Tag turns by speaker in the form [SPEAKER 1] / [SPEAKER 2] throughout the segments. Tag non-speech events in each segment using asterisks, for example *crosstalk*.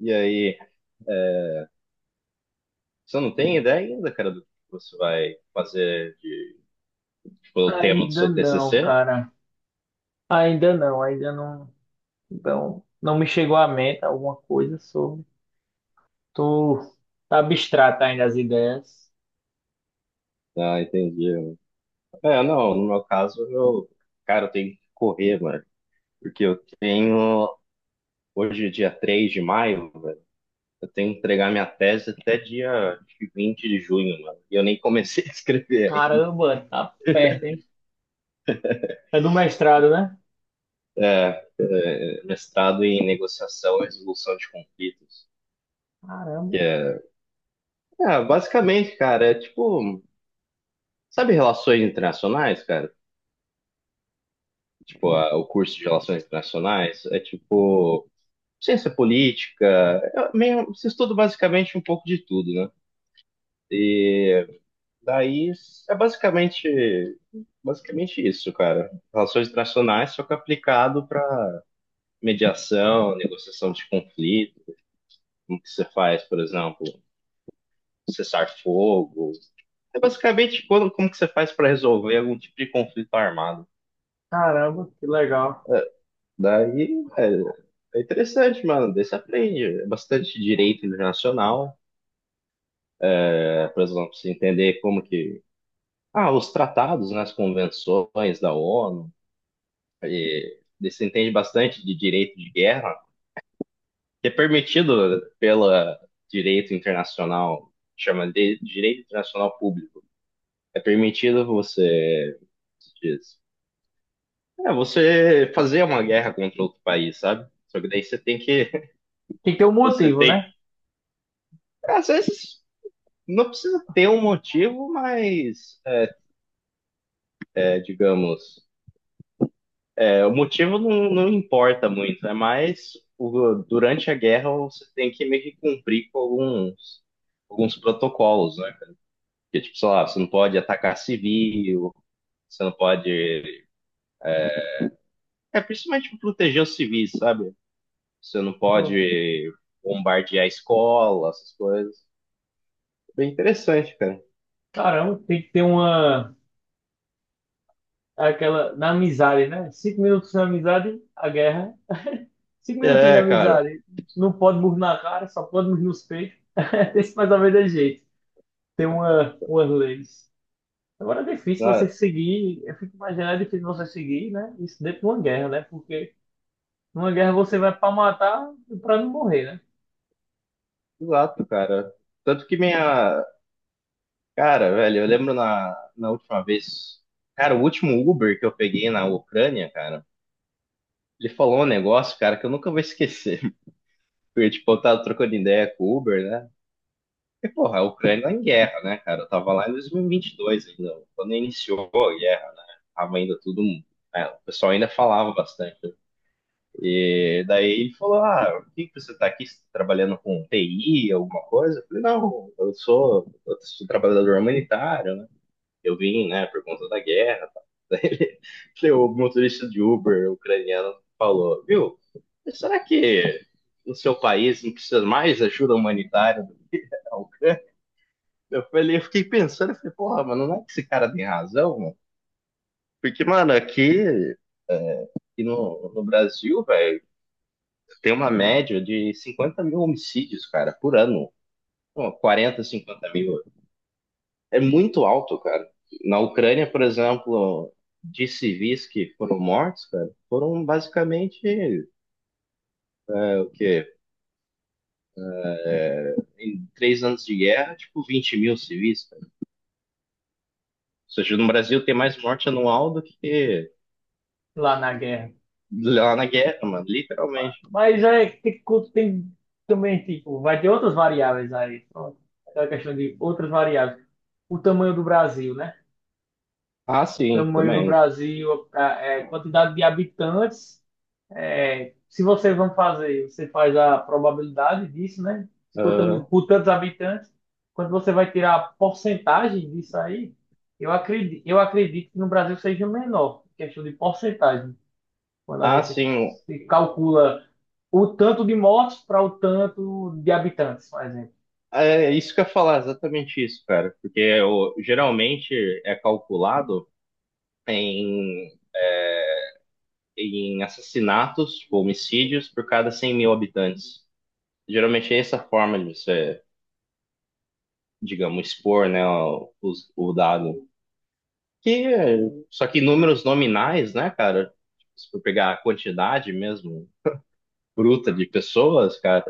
[SPEAKER 1] E aí, é, você não tem ideia ainda, cara, do que você vai fazer de, tipo, o tema do
[SPEAKER 2] Ainda
[SPEAKER 1] seu
[SPEAKER 2] não,
[SPEAKER 1] TCC?
[SPEAKER 2] cara. Ainda não, ainda não. Então, não me chegou à mente alguma coisa sobre. Tô tá abstrata ainda as ideias.
[SPEAKER 1] Ah, entendi. Não, no meu caso, eu, cara, eu tenho que correr, mano, porque eu tenho, hoje é dia 3 de maio, velho, eu tenho que entregar minha tese até dia acho que 20 de junho, mano, e eu nem comecei *laughs* a escrever ainda.
[SPEAKER 2] Caramba, tá perto, hein? É do mestrado, né?
[SPEAKER 1] Mestrado em negociação e resolução de conflitos, que
[SPEAKER 2] Caramba,
[SPEAKER 1] é, basicamente, cara, é tipo. Sabe relações internacionais, cara? Tipo, o curso de relações internacionais é tipo ciência política, é meio, você estuda basicamente um pouco de tudo, né? E daí é basicamente isso, cara. Relações internacionais, só que aplicado para mediação, negociação de conflito, como que você faz, por exemplo, cessar fogo. É basicamente quando, como que você faz para resolver algum tipo de conflito armado.
[SPEAKER 2] caramba, que legal.
[SPEAKER 1] Daí, velho, é interessante, mano. Daí você aprende é bastante direito internacional, é, por exemplo, você entender como que. Ah, os tratados, né, as convenções da ONU, e daí você entende bastante de direito de guerra, que é permitido pelo direito internacional, chama de direito internacional público. É permitido você, como se diz, você fazer uma guerra contra outro país, sabe? Só que daí você tem que,
[SPEAKER 2] Tem que ter um
[SPEAKER 1] *laughs* você
[SPEAKER 2] motivo,
[SPEAKER 1] tem,
[SPEAKER 2] né?
[SPEAKER 1] às vezes. Não precisa ter um motivo, mas, digamos, o motivo não, não importa muito, é mais durante a guerra você tem que meio que cumprir com alguns, alguns protocolos, né? Porque, tipo, sei lá, você não pode atacar civil, você não pode. É principalmente pra proteger os civis, sabe? Você não
[SPEAKER 2] Pô,
[SPEAKER 1] pode bombardear escola, essas coisas. Bem interessante, cara.
[SPEAKER 2] caramba, tem que ter uma aquela na amizade, né? Cinco minutos na amizade, a guerra. Cinco minutinhos na
[SPEAKER 1] É, cara.
[SPEAKER 2] amizade. Não pode burro na cara, só pode burro nos peitos. *laughs* Esse mais ou menos é jeito. Tem umas leis. Agora é difícil você
[SPEAKER 1] Ah,
[SPEAKER 2] seguir, eu fico imaginando, é difícil você seguir, né? Isso dentro de uma guerra, né? Porque numa guerra você vai para matar e para não morrer, né?
[SPEAKER 1] exato, cara. Tanto que minha, cara, velho, eu lembro na última vez, cara, o último Uber que eu peguei na Ucrânia, cara, ele falou um negócio, cara, que eu nunca vou esquecer. *laughs* Porque, tipo, eu tava trocando ideia com o Uber, né? E, porra, a Ucrânia tá em guerra, né, cara? Eu tava lá em 2022 ainda, quando iniciou a guerra, né? Tava ainda tudo, né, o pessoal ainda falava bastante. E daí ele falou: Ah, por que que você tá aqui? Você tá trabalhando com TI, alguma coisa? Eu falei: Não, eu sou trabalhador humanitário, né? Eu vim, né, por conta da guerra. Tá? Daí ele- *laughs* o motorista de Uber ucraniano falou, viu, será que no seu país não precisa mais ajuda humanitária do que a Ucrânia? Eu falei, eu fiquei pensando, eu falei, porra, mano, não é que esse cara tem razão, mano? Porque, mano, aqui, no Brasil, velho, tem uma média de 50 mil homicídios, cara, por ano. Pô, 40, 50 mil. É muito alto, cara. Na Ucrânia, por exemplo, de civis que foram mortos, cara, foram basicamente o quê? Em 3 anos de guerra, tipo 20 mil civis, cara. Ou seja, no Brasil tem mais morte anual do que
[SPEAKER 2] Lá na guerra.
[SPEAKER 1] lá na guerra, mano, literalmente.
[SPEAKER 2] Mas é que tem também, tipo, vai ter outras variáveis aí. Pronto. É uma questão de outras variáveis. O tamanho do Brasil, né?
[SPEAKER 1] Ah,
[SPEAKER 2] O
[SPEAKER 1] sim,
[SPEAKER 2] tamanho do
[SPEAKER 1] também.
[SPEAKER 2] Brasil, quantidade de habitantes. É, se vocês vão fazer, você faz a probabilidade disso, né? 50 mil
[SPEAKER 1] Ah,
[SPEAKER 2] por tantos habitantes. Quando você vai tirar a porcentagem disso aí, eu acredito que no Brasil seja menor, questão de porcentagem. Quando a
[SPEAKER 1] ah,
[SPEAKER 2] gente
[SPEAKER 1] sim.
[SPEAKER 2] se calcula o tanto de mortes para o tanto de habitantes, por exemplo.
[SPEAKER 1] É isso que eu ia falar, exatamente isso, cara. Porque geralmente é calculado em, em assassinatos, tipo, homicídios por cada 100 mil habitantes. Geralmente é essa forma de você, digamos, expor, né, o dado. Que, é- só que números nominais, né, cara? Se for pegar a quantidade mesmo bruta de pessoas, cara,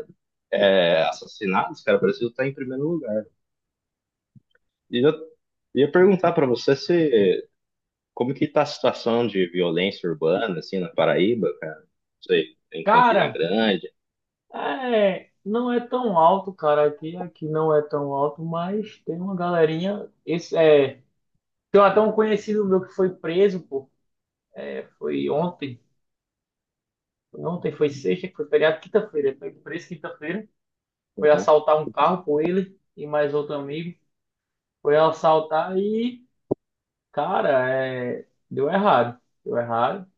[SPEAKER 1] assassinados, cara, o Brasil tá em primeiro lugar. E eu ia perguntar pra você se como que tá a situação de violência urbana, assim, na Paraíba, cara? Não sei, em Campina
[SPEAKER 2] Cara,
[SPEAKER 1] Grande.
[SPEAKER 2] é, não é tão alto, cara, aqui não é tão alto, mas tem uma galerinha, esse é, tem até um conhecido meu que foi preso, pô, foi ontem, ontem foi sexta, que foi feriado, quinta-feira, foi preso quinta-feira, foi
[SPEAKER 1] Uhum,
[SPEAKER 2] assaltar um carro com ele e mais outro amigo, foi assaltar e, cara, é, deu errado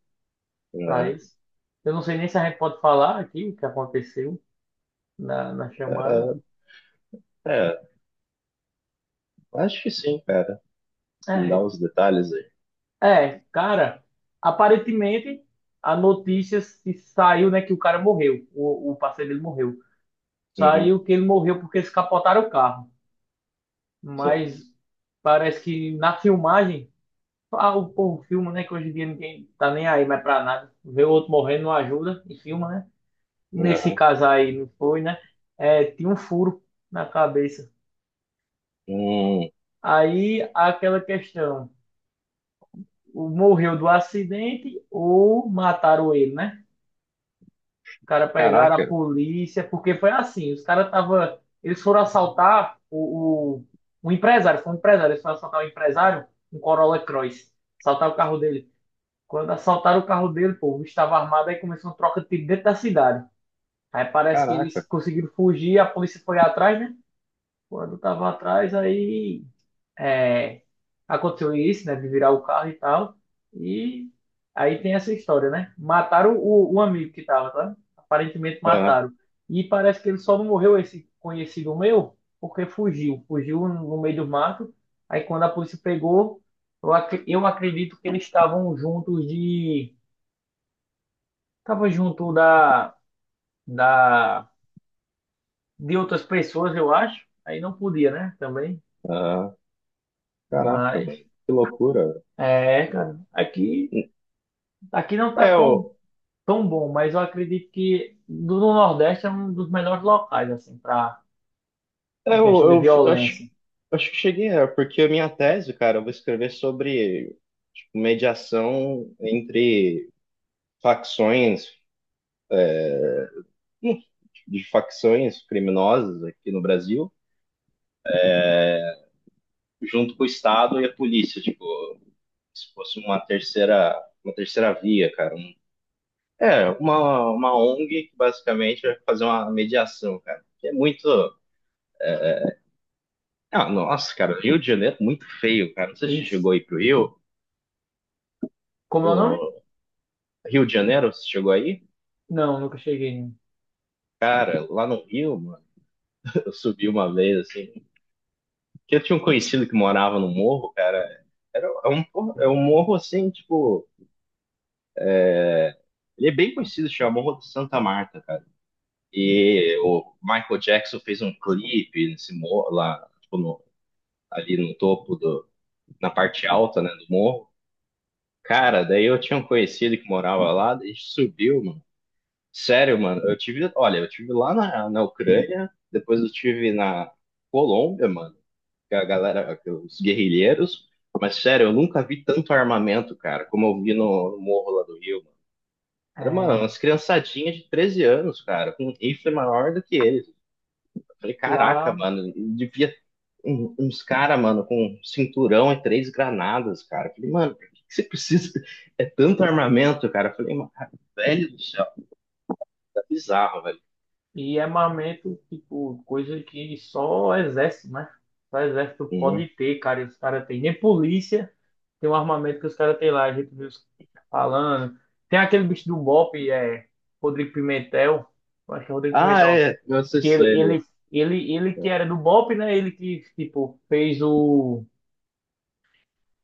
[SPEAKER 2] pra
[SPEAKER 1] uhum.
[SPEAKER 2] eles. Eu não sei nem se a gente pode falar aqui o que aconteceu na chamada.
[SPEAKER 1] É, acho que sim, cara. Me dá
[SPEAKER 2] É,
[SPEAKER 1] os detalhes aí.
[SPEAKER 2] Cara, aparentemente a notícia se saiu, né, que o cara morreu, o parceiro dele morreu.
[SPEAKER 1] Uhum,
[SPEAKER 2] Saiu que ele morreu porque eles capotaram o carro.
[SPEAKER 1] sim.
[SPEAKER 2] Mas parece que na filmagem, ah, o povo filma, né, que hoje em dia ninguém tá nem aí mais pra nada. Vê o outro morrendo, não ajuda e filma, né? Nesse
[SPEAKER 1] Aham.
[SPEAKER 2] caso aí não foi, né? É, tinha um furo na cabeça.
[SPEAKER 1] Hum,
[SPEAKER 2] Aí aquela questão, o morreu do acidente ou mataram ele, né? Cara pegaram a
[SPEAKER 1] caraca,
[SPEAKER 2] polícia, porque foi assim, os caras tava, eles foram assaltar um empresário, foi um empresário, eles foram assaltar o empresário, um Corolla Cross, assaltar o carro dele. Quando assaltaram o carro dele, pô, o bicho estava armado, aí começou uma troca de tiro dentro da cidade. Aí parece que eles
[SPEAKER 1] caraca.
[SPEAKER 2] conseguiram fugir, a polícia foi atrás, né? Quando tava atrás, é, aconteceu isso, né, de virar o carro e tal. E aí tem essa história, né? Mataram o amigo que tava, tá? Aparentemente
[SPEAKER 1] Ah,
[SPEAKER 2] mataram. E parece que ele só não morreu esse conhecido meu, porque fugiu, fugiu no meio do mato. Aí quando a polícia pegou, eu acredito que eles estavam juntos de, estavam junto da, de outras pessoas, eu acho. Aí não podia, né? Também.
[SPEAKER 1] ah, caraca,
[SPEAKER 2] Mas
[SPEAKER 1] mano. Que loucura.
[SPEAKER 2] é, cara, aqui, aqui não tá
[SPEAKER 1] É,
[SPEAKER 2] tão
[SPEAKER 1] eu,
[SPEAKER 2] tão bom, mas eu acredito que do no Nordeste é um dos melhores locais, assim, pra, em
[SPEAKER 1] é, eu,
[SPEAKER 2] questão de
[SPEAKER 1] eu f- acho,
[SPEAKER 2] violência.
[SPEAKER 1] acho que cheguei, porque a minha tese, cara, eu vou escrever sobre, tipo, mediação entre facções, hum, de facções criminosas aqui no Brasil, junto com o Estado e a polícia, tipo, se fosse uma terceira via, cara, é, uma ONG que basicamente vai fazer uma mediação, cara. Que é muito. Ah, nossa, cara, Rio de Janeiro é muito feio, cara. Não sei se
[SPEAKER 2] E
[SPEAKER 1] você chegou aí pro Rio.
[SPEAKER 2] como é o nome?
[SPEAKER 1] O Rio de Janeiro, você chegou aí?
[SPEAKER 2] Não, nunca cheguei, né?
[SPEAKER 1] Cara, lá no Rio, mano, *laughs* eu subi uma vez, assim, que eu tinha um conhecido que morava no morro, cara. Era, é um, porra- É um morro, assim, tipo. Ele é bem conhecido, chama Morro de Santa Marta, cara. E o Michael Jackson fez um clipe nesse morro, lá, tipo, ali no topo do. Na parte alta, né, do morro. Cara, daí eu tinha um conhecido que morava lá, daí a gente subiu, mano. Sério, mano, eu tive, olha, eu tive lá na Ucrânia, depois eu tive na Colômbia, mano, que a galera, que os guerrilheiros, mas sério, eu nunca vi tanto armamento, cara, como eu vi no morro lá do Rio, mano. Era, mano,
[SPEAKER 2] É,
[SPEAKER 1] umas criançadinhas de 13 anos, cara, com um rifle maior do que eles. Eu falei, caraca,
[SPEAKER 2] lá,
[SPEAKER 1] mano, devia uns cara, mano, com cinturão e três granadas, cara. Eu falei, mano, por que que você precisa? É tanto armamento, cara. Eu falei, mano, velho do céu, tá bizarro, velho.
[SPEAKER 2] e é armamento, tipo, coisa que só o exército, né? Só o exército pode
[SPEAKER 1] Uhum.
[SPEAKER 2] ter, cara, e os caras têm. Nem polícia tem um armamento que os caras têm lá, a gente viu os falando. Tem aquele bicho do BOPE, é, Rodrigo Pimentel, eu acho que é Rodrigo
[SPEAKER 1] Ah,
[SPEAKER 2] Pimentel,
[SPEAKER 1] é, nossa,
[SPEAKER 2] que
[SPEAKER 1] isso
[SPEAKER 2] ele,
[SPEAKER 1] ele.
[SPEAKER 2] ele, ele, ele que era do BOP, né? Ele que, tipo, fez o...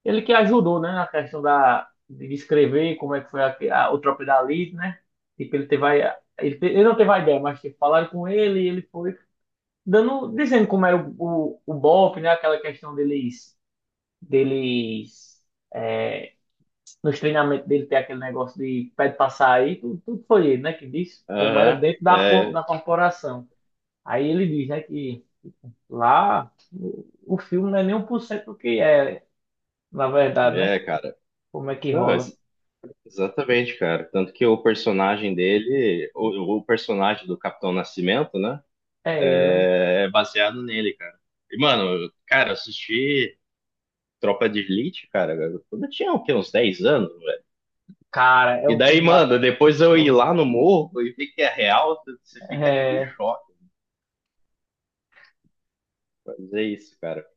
[SPEAKER 2] Ele que ajudou, né? Na questão da, de escrever como é que foi o Tropa da Elite, né? Tipo, ele teve a, ele, te- ele não teve a ideia, mas tipo, falaram com ele e ele foi dando, dizendo como era o BOP, né? Aquela questão deles é, nos treinamentos dele ter aquele negócio de pede pra sair, tudo foi ele, né? Que disse como era
[SPEAKER 1] Aham,
[SPEAKER 2] dentro
[SPEAKER 1] é,
[SPEAKER 2] da corporação. Aí ele diz, né, que lá, o filme não é nem 1% do que é, na verdade, né?
[SPEAKER 1] é, cara.
[SPEAKER 2] Como é que
[SPEAKER 1] Não,
[SPEAKER 2] rola?
[SPEAKER 1] exatamente, cara. Tanto que o personagem dele, o personagem do Capitão Nascimento, né,
[SPEAKER 2] É ele, né?
[SPEAKER 1] é baseado nele, cara. E, mano, eu- cara, eu assisti Tropa de Elite, cara, quando eu tinha, o quê, uns 10 anos,
[SPEAKER 2] Cara, é
[SPEAKER 1] e
[SPEAKER 2] um
[SPEAKER 1] daí,
[SPEAKER 2] filme da
[SPEAKER 1] mano, depois eu ir
[SPEAKER 2] porra.
[SPEAKER 1] lá no morro e ver que é real, você fica tipo em
[SPEAKER 2] É,
[SPEAKER 1] choque. Mas é isso, cara.